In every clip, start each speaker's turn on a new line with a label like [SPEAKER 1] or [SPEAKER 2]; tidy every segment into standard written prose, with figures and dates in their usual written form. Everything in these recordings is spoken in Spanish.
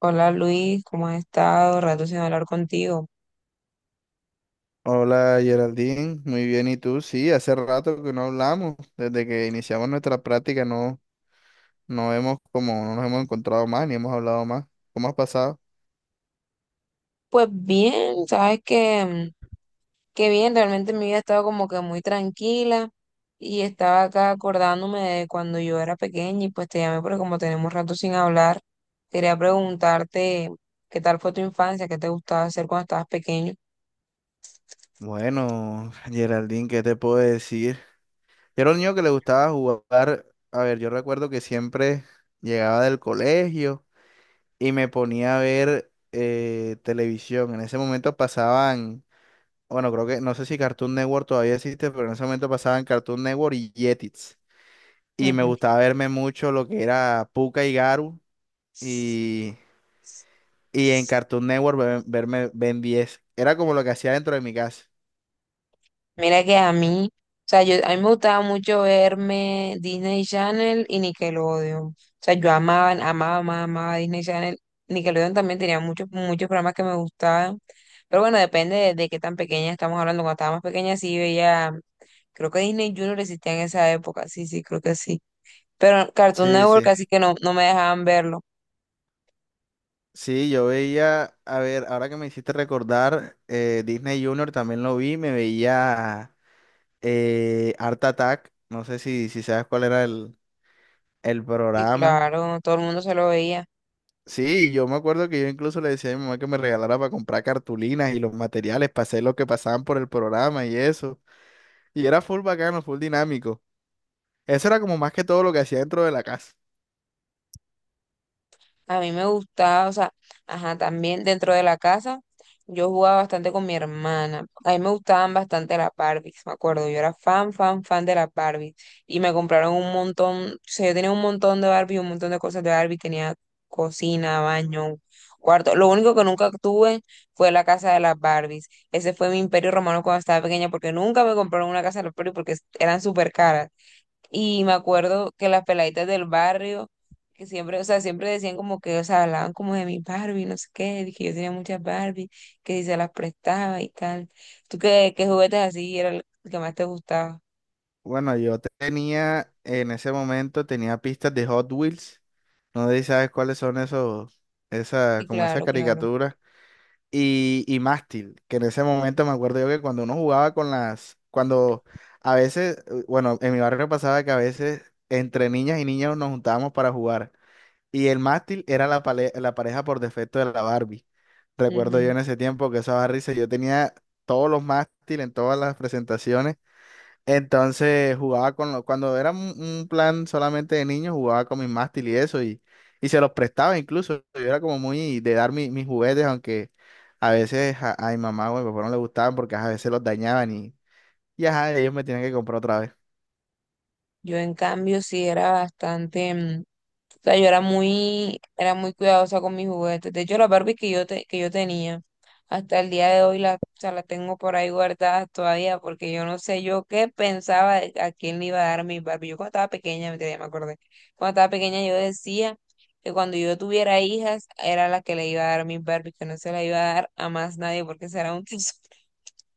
[SPEAKER 1] Hola Luis, ¿cómo has estado? Rato sin hablar contigo.
[SPEAKER 2] Hola Geraldine, muy bien, ¿y tú? Sí, hace rato que no hablamos, desde que iniciamos nuestra práctica no hemos no nos hemos encontrado más ni hemos hablado más. ¿Cómo has pasado?
[SPEAKER 1] Pues bien, sabes que bien, realmente mi vida ha estado como que muy tranquila y estaba acá acordándome de cuando yo era pequeña y pues te llamé porque como tenemos rato sin hablar, quería preguntarte qué tal fue tu infancia, qué te gustaba hacer cuando estabas pequeño.
[SPEAKER 2] Bueno, Geraldine, ¿qué te puedo decir? Yo era un niño que le gustaba jugar, a ver, yo recuerdo que siempre llegaba del colegio y me ponía a ver televisión. En ese momento pasaban, bueno, creo que, no sé si Cartoon Network todavía existe, pero en ese momento pasaban Cartoon Network y Jetix. Y me
[SPEAKER 1] Ujú.
[SPEAKER 2] gustaba verme mucho lo que era Pucca y Garu y, y en Cartoon Network verme Ben 10. Era como lo que hacía dentro de mi casa.
[SPEAKER 1] Mira que a mí, o sea, yo, a mí me gustaba mucho verme Disney Channel y Nickelodeon. O sea, yo amaba, amaba, amaba, amaba Disney Channel. Nickelodeon también tenía muchos, muchos programas que me gustaban. Pero bueno, depende de qué tan pequeña estamos hablando. Cuando estaba más pequeña sí veía, creo que Disney Junior existía en esa época. Sí, sí, creo que sí. Pero Cartoon
[SPEAKER 2] Sí,
[SPEAKER 1] Network
[SPEAKER 2] sí.
[SPEAKER 1] casi que no, no me dejaban verlo.
[SPEAKER 2] Sí, yo veía, a ver, ahora que me hiciste recordar, Disney Junior también lo vi, me veía Art Attack, no sé si sabes cuál era el
[SPEAKER 1] Y
[SPEAKER 2] programa.
[SPEAKER 1] claro, todo el mundo se lo veía.
[SPEAKER 2] Sí, yo me acuerdo que yo incluso le decía a mi mamá que me regalara para comprar cartulinas y los materiales, para hacer lo que pasaban por el programa y eso. Y era full bacano, full dinámico. Eso era como más que todo lo que hacía dentro de la casa.
[SPEAKER 1] A mí me gustaba, o sea, ajá, también dentro de la casa yo jugaba bastante con mi hermana. A mí me gustaban bastante las Barbies, me acuerdo. Yo era fan, fan, fan de las Barbies. Y me compraron un montón, o sea, yo tenía un montón de Barbie, un montón de cosas de Barbie. Tenía cocina, baño, cuarto. Lo único que nunca tuve fue la casa de las Barbies. Ese fue mi imperio romano cuando estaba pequeña porque nunca me compraron una casa de las Barbie porque eran súper caras. Y me acuerdo que las peladitas del barrio, que siempre, o sea, siempre decían como que, o sea, hablaban como de mi Barbie, no sé qué, de que yo tenía muchas Barbie, que si se las prestaba y tal. ¿Tú qué, qué juguetes así era el que más te gustaba?
[SPEAKER 2] Bueno, yo tenía, en ese momento, tenía pistas de Hot Wheels. No sé si sabes cuáles son esos, esa,
[SPEAKER 1] Sí,
[SPEAKER 2] como esa
[SPEAKER 1] claro, claro.
[SPEAKER 2] caricatura. Y mástil, que en ese momento me acuerdo yo que cuando uno jugaba con las, cuando a veces, bueno, en mi barrio pasaba que a veces entre niñas y niños nos juntábamos para jugar. Y el mástil era la, la pareja por defecto de la Barbie. Recuerdo yo
[SPEAKER 1] Ujú.
[SPEAKER 2] en ese tiempo que esa Barbie, yo tenía todos los mástiles en todas las presentaciones. Entonces jugaba con los, cuando era un plan solamente de niños, jugaba con mis mástiles y eso, y se los prestaba incluso. Yo era como muy de dar mis juguetes, aunque a veces a mi mamá o a mi papá no le gustaban porque ajá, a veces los dañaban y ajá, ellos me tienen que comprar otra vez.
[SPEAKER 1] Yo en cambio sí era bastante, o sea, yo era muy cuidadosa con mis juguetes. De hecho, las Barbies que yo tenía. Hasta el día de hoy la, o sea, la tengo por ahí guardada todavía porque yo no sé yo qué pensaba de a quién le iba a dar mi Barbie. Yo cuando estaba pequeña, me acordé, cuando estaba pequeña yo decía que cuando yo tuviera hijas era la que le iba a dar mi Barbie, que no se la iba a dar a más nadie porque será un tesoro.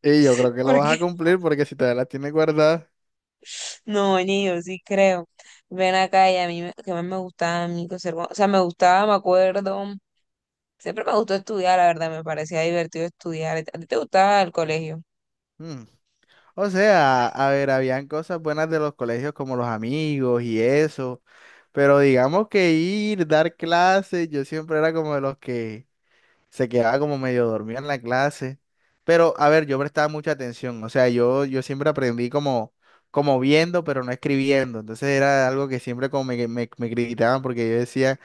[SPEAKER 2] Y yo creo que lo vas
[SPEAKER 1] Porque
[SPEAKER 2] a cumplir porque si todavía las tienes guardadas.
[SPEAKER 1] no, ni yo sí creo. Ven acá y a mí que más me gustaba a mí coser, o sea, me gustaba, me acuerdo, siempre me gustó estudiar, la verdad, me parecía divertido estudiar. ¿A ti te gustaba el colegio?
[SPEAKER 2] hmm, O sea, a ver, habían cosas buenas de los colegios como los amigos y eso, pero digamos que ir, dar clases, yo siempre era como de los que se quedaba como medio dormido en la clase, pero a ver, yo prestaba mucha atención, o sea, yo siempre aprendí como, como viendo, pero no escribiendo, entonces era algo que siempre como me criticaban porque yo decía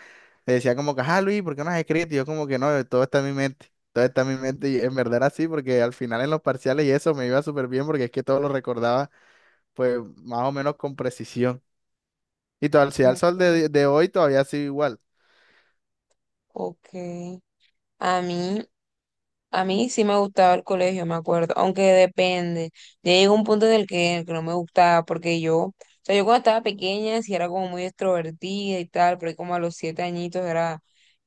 [SPEAKER 2] me decía como que, ah, Luis, ¿por qué no has escrito? Y yo como que no, todo está en mi mente, todo está en mi mente y en verdad era así, porque al final en los parciales y eso me iba súper bien porque es que todo lo recordaba pues más o menos con precisión. Y todo, si al sol
[SPEAKER 1] Okay,
[SPEAKER 2] de hoy todavía sigo igual.
[SPEAKER 1] ok. A mí, a mí sí me gustaba el colegio, me acuerdo, aunque depende. Ya llegó un punto en el que no me gustaba, porque yo, o sea, yo cuando estaba pequeña sí era como muy extrovertida y tal, pero ahí como a los 7 añitos era,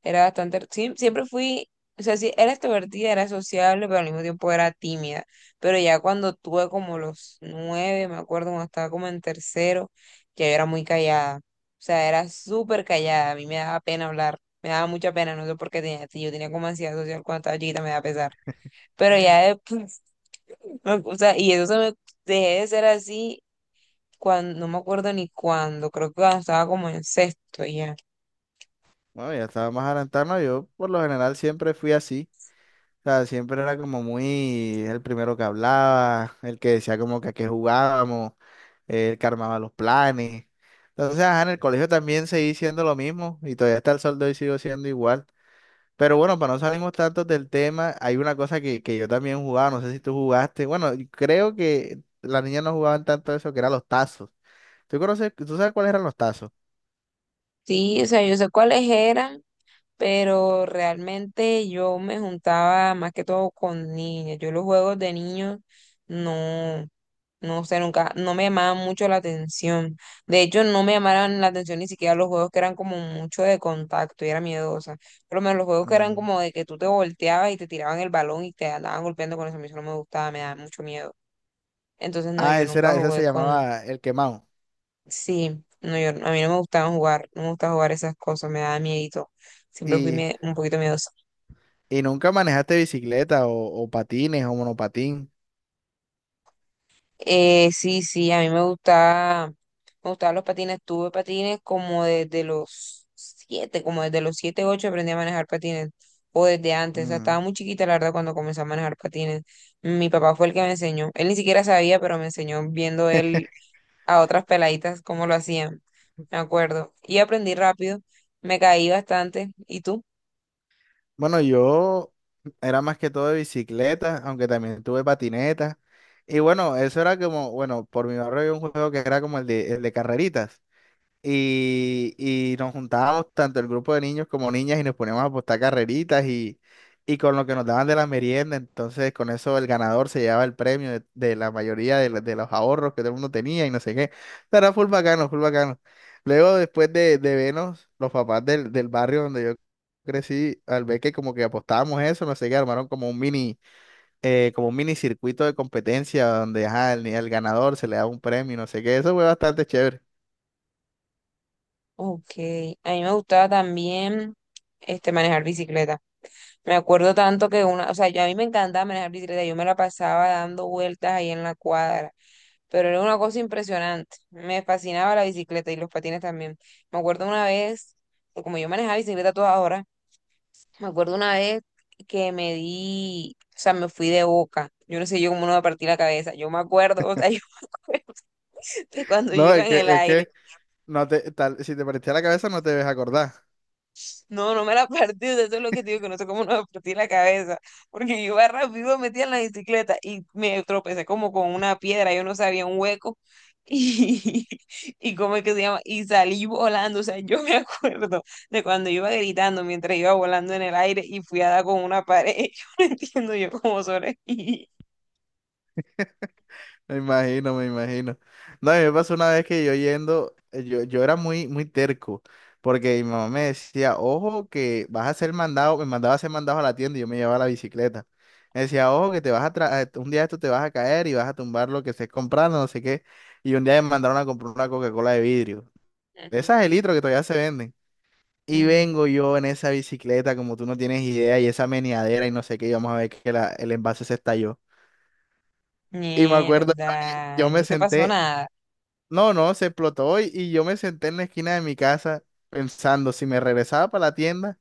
[SPEAKER 1] era bastante, sí, siempre fui, o sea, sí, era extrovertida, era sociable, pero al mismo tiempo era tímida. Pero ya cuando tuve como los 9, me acuerdo, cuando estaba como en tercero, ya yo era muy callada. O sea, era súper callada, a mí me daba pena hablar. Me daba mucha pena, no sé por qué tenía, si yo tenía como ansiedad social cuando estaba chiquita, me da pesar. Pero ya después, o sea, y eso se me dejé de ser así cuando, no me acuerdo ni cuándo, creo que cuando estaba como en sexto ya.
[SPEAKER 2] Bueno, ya estaba más adelantado, ¿no? Yo por lo general siempre fui así. O sea, siempre era como muy el primero que hablaba, el que decía como que a qué jugábamos, el que armaba los planes. Entonces, ajá, en el colegio también seguí siendo lo mismo y todavía hasta el sol de hoy sigo siendo igual. Pero bueno, para no salirnos tanto del tema, hay una cosa que yo también jugaba, no sé si tú jugaste. Bueno, y creo que las niñas no jugaban tanto eso, que eran los tazos. ¿Tú conoces, tú sabes cuáles eran los tazos?
[SPEAKER 1] Sí, o sea, yo sé cuáles eran, pero realmente yo me juntaba más que todo con niñas. Yo los juegos de niños no. No sé, nunca, no me llamaban mucho la atención. De hecho, no me llamaban la atención ni siquiera los juegos que eran como mucho de contacto y era miedosa. Por lo menos los juegos que eran
[SPEAKER 2] Mm.
[SPEAKER 1] como de que tú te volteabas y te tiraban el balón y te andaban golpeando con eso, a mí eso no me gustaba, me daba mucho miedo. Entonces, no,
[SPEAKER 2] Ah,
[SPEAKER 1] yo
[SPEAKER 2] ese
[SPEAKER 1] nunca
[SPEAKER 2] era, ese se
[SPEAKER 1] jugué con...
[SPEAKER 2] llamaba el quemado.
[SPEAKER 1] Sí, no, yo, a mí no me gustaba jugar, no me gustaba jugar esas cosas, me daba miedito. Siempre fui
[SPEAKER 2] Y,
[SPEAKER 1] un poquito miedosa.
[SPEAKER 2] y nunca manejaste bicicleta o patines o monopatín.
[SPEAKER 1] Sí, sí, a mí me gustaba, me gustaban los patines. Tuve patines como desde los siete, ocho aprendí a manejar patines, o desde antes. O sea, estaba
[SPEAKER 2] Mm.
[SPEAKER 1] muy chiquita, la verdad, cuando comencé a manejar patines. Mi papá fue el que me enseñó. Él ni siquiera sabía, pero me enseñó viendo él a otras peladitas cómo lo hacían. Me acuerdo. Y aprendí rápido, me caí bastante. ¿Y tú?
[SPEAKER 2] Bueno, yo era más que todo de bicicleta, aunque también tuve patineta. Y bueno, eso era como, bueno, por mi barrio había un juego que era como el el de carreritas. Y, y nos juntábamos tanto el grupo de niños como niñas y nos poníamos a apostar carreritas y con lo que nos daban de la merienda, entonces con eso el ganador se llevaba el premio de la mayoría de, de los ahorros que todo el mundo tenía y no sé qué. Pero era full bacano, full bacano. Luego después de vernos, los papás del barrio donde yo crecí, al ver que como que apostábamos eso, no sé qué, armaron como un mini circuito de competencia donde ajá, el ganador se le da un premio, y no sé qué, eso fue bastante chévere.
[SPEAKER 1] Ok, a mí me gustaba también este, manejar bicicleta. Me acuerdo tanto que una, o sea, yo a mí me encantaba manejar bicicleta, yo me la pasaba dando vueltas ahí en la cuadra, pero era una cosa impresionante. Me fascinaba la bicicleta y los patines también. Me acuerdo una vez, que como yo manejaba bicicleta a toda hora, me acuerdo una vez que me di, o sea, me fui de boca. Yo no sé yo cómo no me partí la cabeza. Yo me acuerdo, o sea, yo me acuerdo de cuando yo
[SPEAKER 2] No,
[SPEAKER 1] iba en el
[SPEAKER 2] es
[SPEAKER 1] aire.
[SPEAKER 2] que no te, tal, si te partiste la cabeza no te debes acordar.
[SPEAKER 1] No, no me la partí, o sea, eso es lo que te digo, que no sé cómo no me partí la cabeza, porque yo iba rápido, metía en la bicicleta y me tropecé como con una piedra, yo no sabía un hueco y, y cómo es que se llama, y salí volando, o sea, yo me acuerdo de cuando iba gritando mientras iba volando en el aire y fui a dar con una pared. Yo no entiendo yo cómo sobreviví.
[SPEAKER 2] Me imagino, me imagino. No, a mí me pasó una vez que yo yendo, yo era muy terco, porque mi mamá me decía, ojo, que vas a ser mandado, me mandaba a ser mandado a la tienda y yo me llevaba la bicicleta. Me decía, ojo, que te vas a un día esto te vas a caer y vas a tumbar lo que estés comprando, no sé qué. Y un día me mandaron a comprar una Coca-Cola de vidrio. De
[SPEAKER 1] Ujú,
[SPEAKER 2] esas de litro que todavía se venden. Y
[SPEAKER 1] ujú.
[SPEAKER 2] vengo yo en esa bicicleta, como tú no tienes idea, y esa meneadera y no sé qué, y vamos a ver que el envase se estalló. Y me acuerdo,
[SPEAKER 1] Mierda,
[SPEAKER 2] yo
[SPEAKER 1] ¿y
[SPEAKER 2] me
[SPEAKER 1] no te pasó
[SPEAKER 2] senté,
[SPEAKER 1] nada?
[SPEAKER 2] no, no, se explotó y yo me senté en la esquina de mi casa pensando si me regresaba para la tienda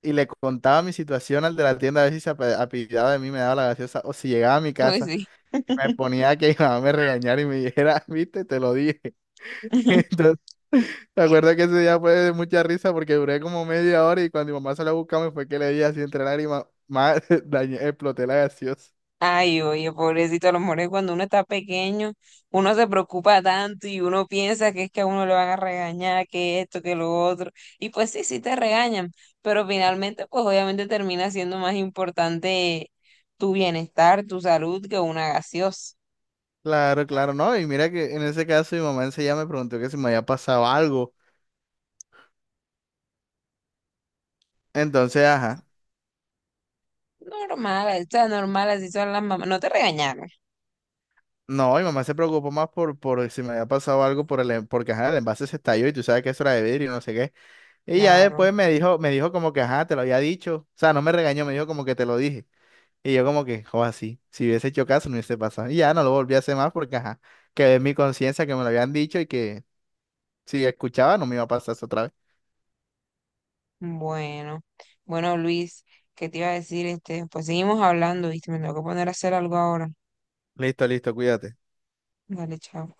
[SPEAKER 2] y le contaba mi situación al de la tienda a ver si se apiadaba de mí, me daba la gaseosa o si llegaba a mi
[SPEAKER 1] Uy,
[SPEAKER 2] casa
[SPEAKER 1] sí.
[SPEAKER 2] y me ponía a que mi mamá me regañara y me dijera, viste, te lo dije. Entonces, me acuerdo que ese día fue de mucha risa porque duré como media hora y cuando mi mamá salió a buscarme fue que le di así entre lágrimas, más dañé, exploté la gaseosa.
[SPEAKER 1] Ay, oye, pobrecito, a lo mejor es cuando uno está pequeño, uno se preocupa tanto y uno piensa que es que a uno le van a regañar, que esto, que lo otro. Y pues sí, sí te regañan, pero finalmente, pues obviamente termina siendo más importante tu bienestar, tu salud, que una gaseosa.
[SPEAKER 2] Claro, claro, no. Y mira que en ese caso mi mamá enseguida me preguntó que si me había pasado algo. Entonces, ajá.
[SPEAKER 1] Normal, o sea, normal, así son las mamás. No te regañaron.
[SPEAKER 2] No, mi mamá se preocupó más por si me había pasado algo por el, porque ajá, el envase se estalló y tú sabes que eso era de vidrio y no sé qué. Y ya
[SPEAKER 1] Claro.
[SPEAKER 2] después me dijo como que ajá, te lo había dicho. O sea, no me regañó, me dijo como que te lo dije. Y yo como que, joder, así, si hubiese hecho caso, no hubiese pasado. Y ya no lo volví a hacer más porque ajá, quedé en mi conciencia que me lo habían dicho y que si escuchaba no me iba a pasar eso otra vez.
[SPEAKER 1] Bueno, bueno, Luis, ¿qué te iba a decir? Este, pues seguimos hablando, ¿viste? Me tengo que poner a hacer algo ahora.
[SPEAKER 2] Listo, listo, cuídate.
[SPEAKER 1] Dale, chao.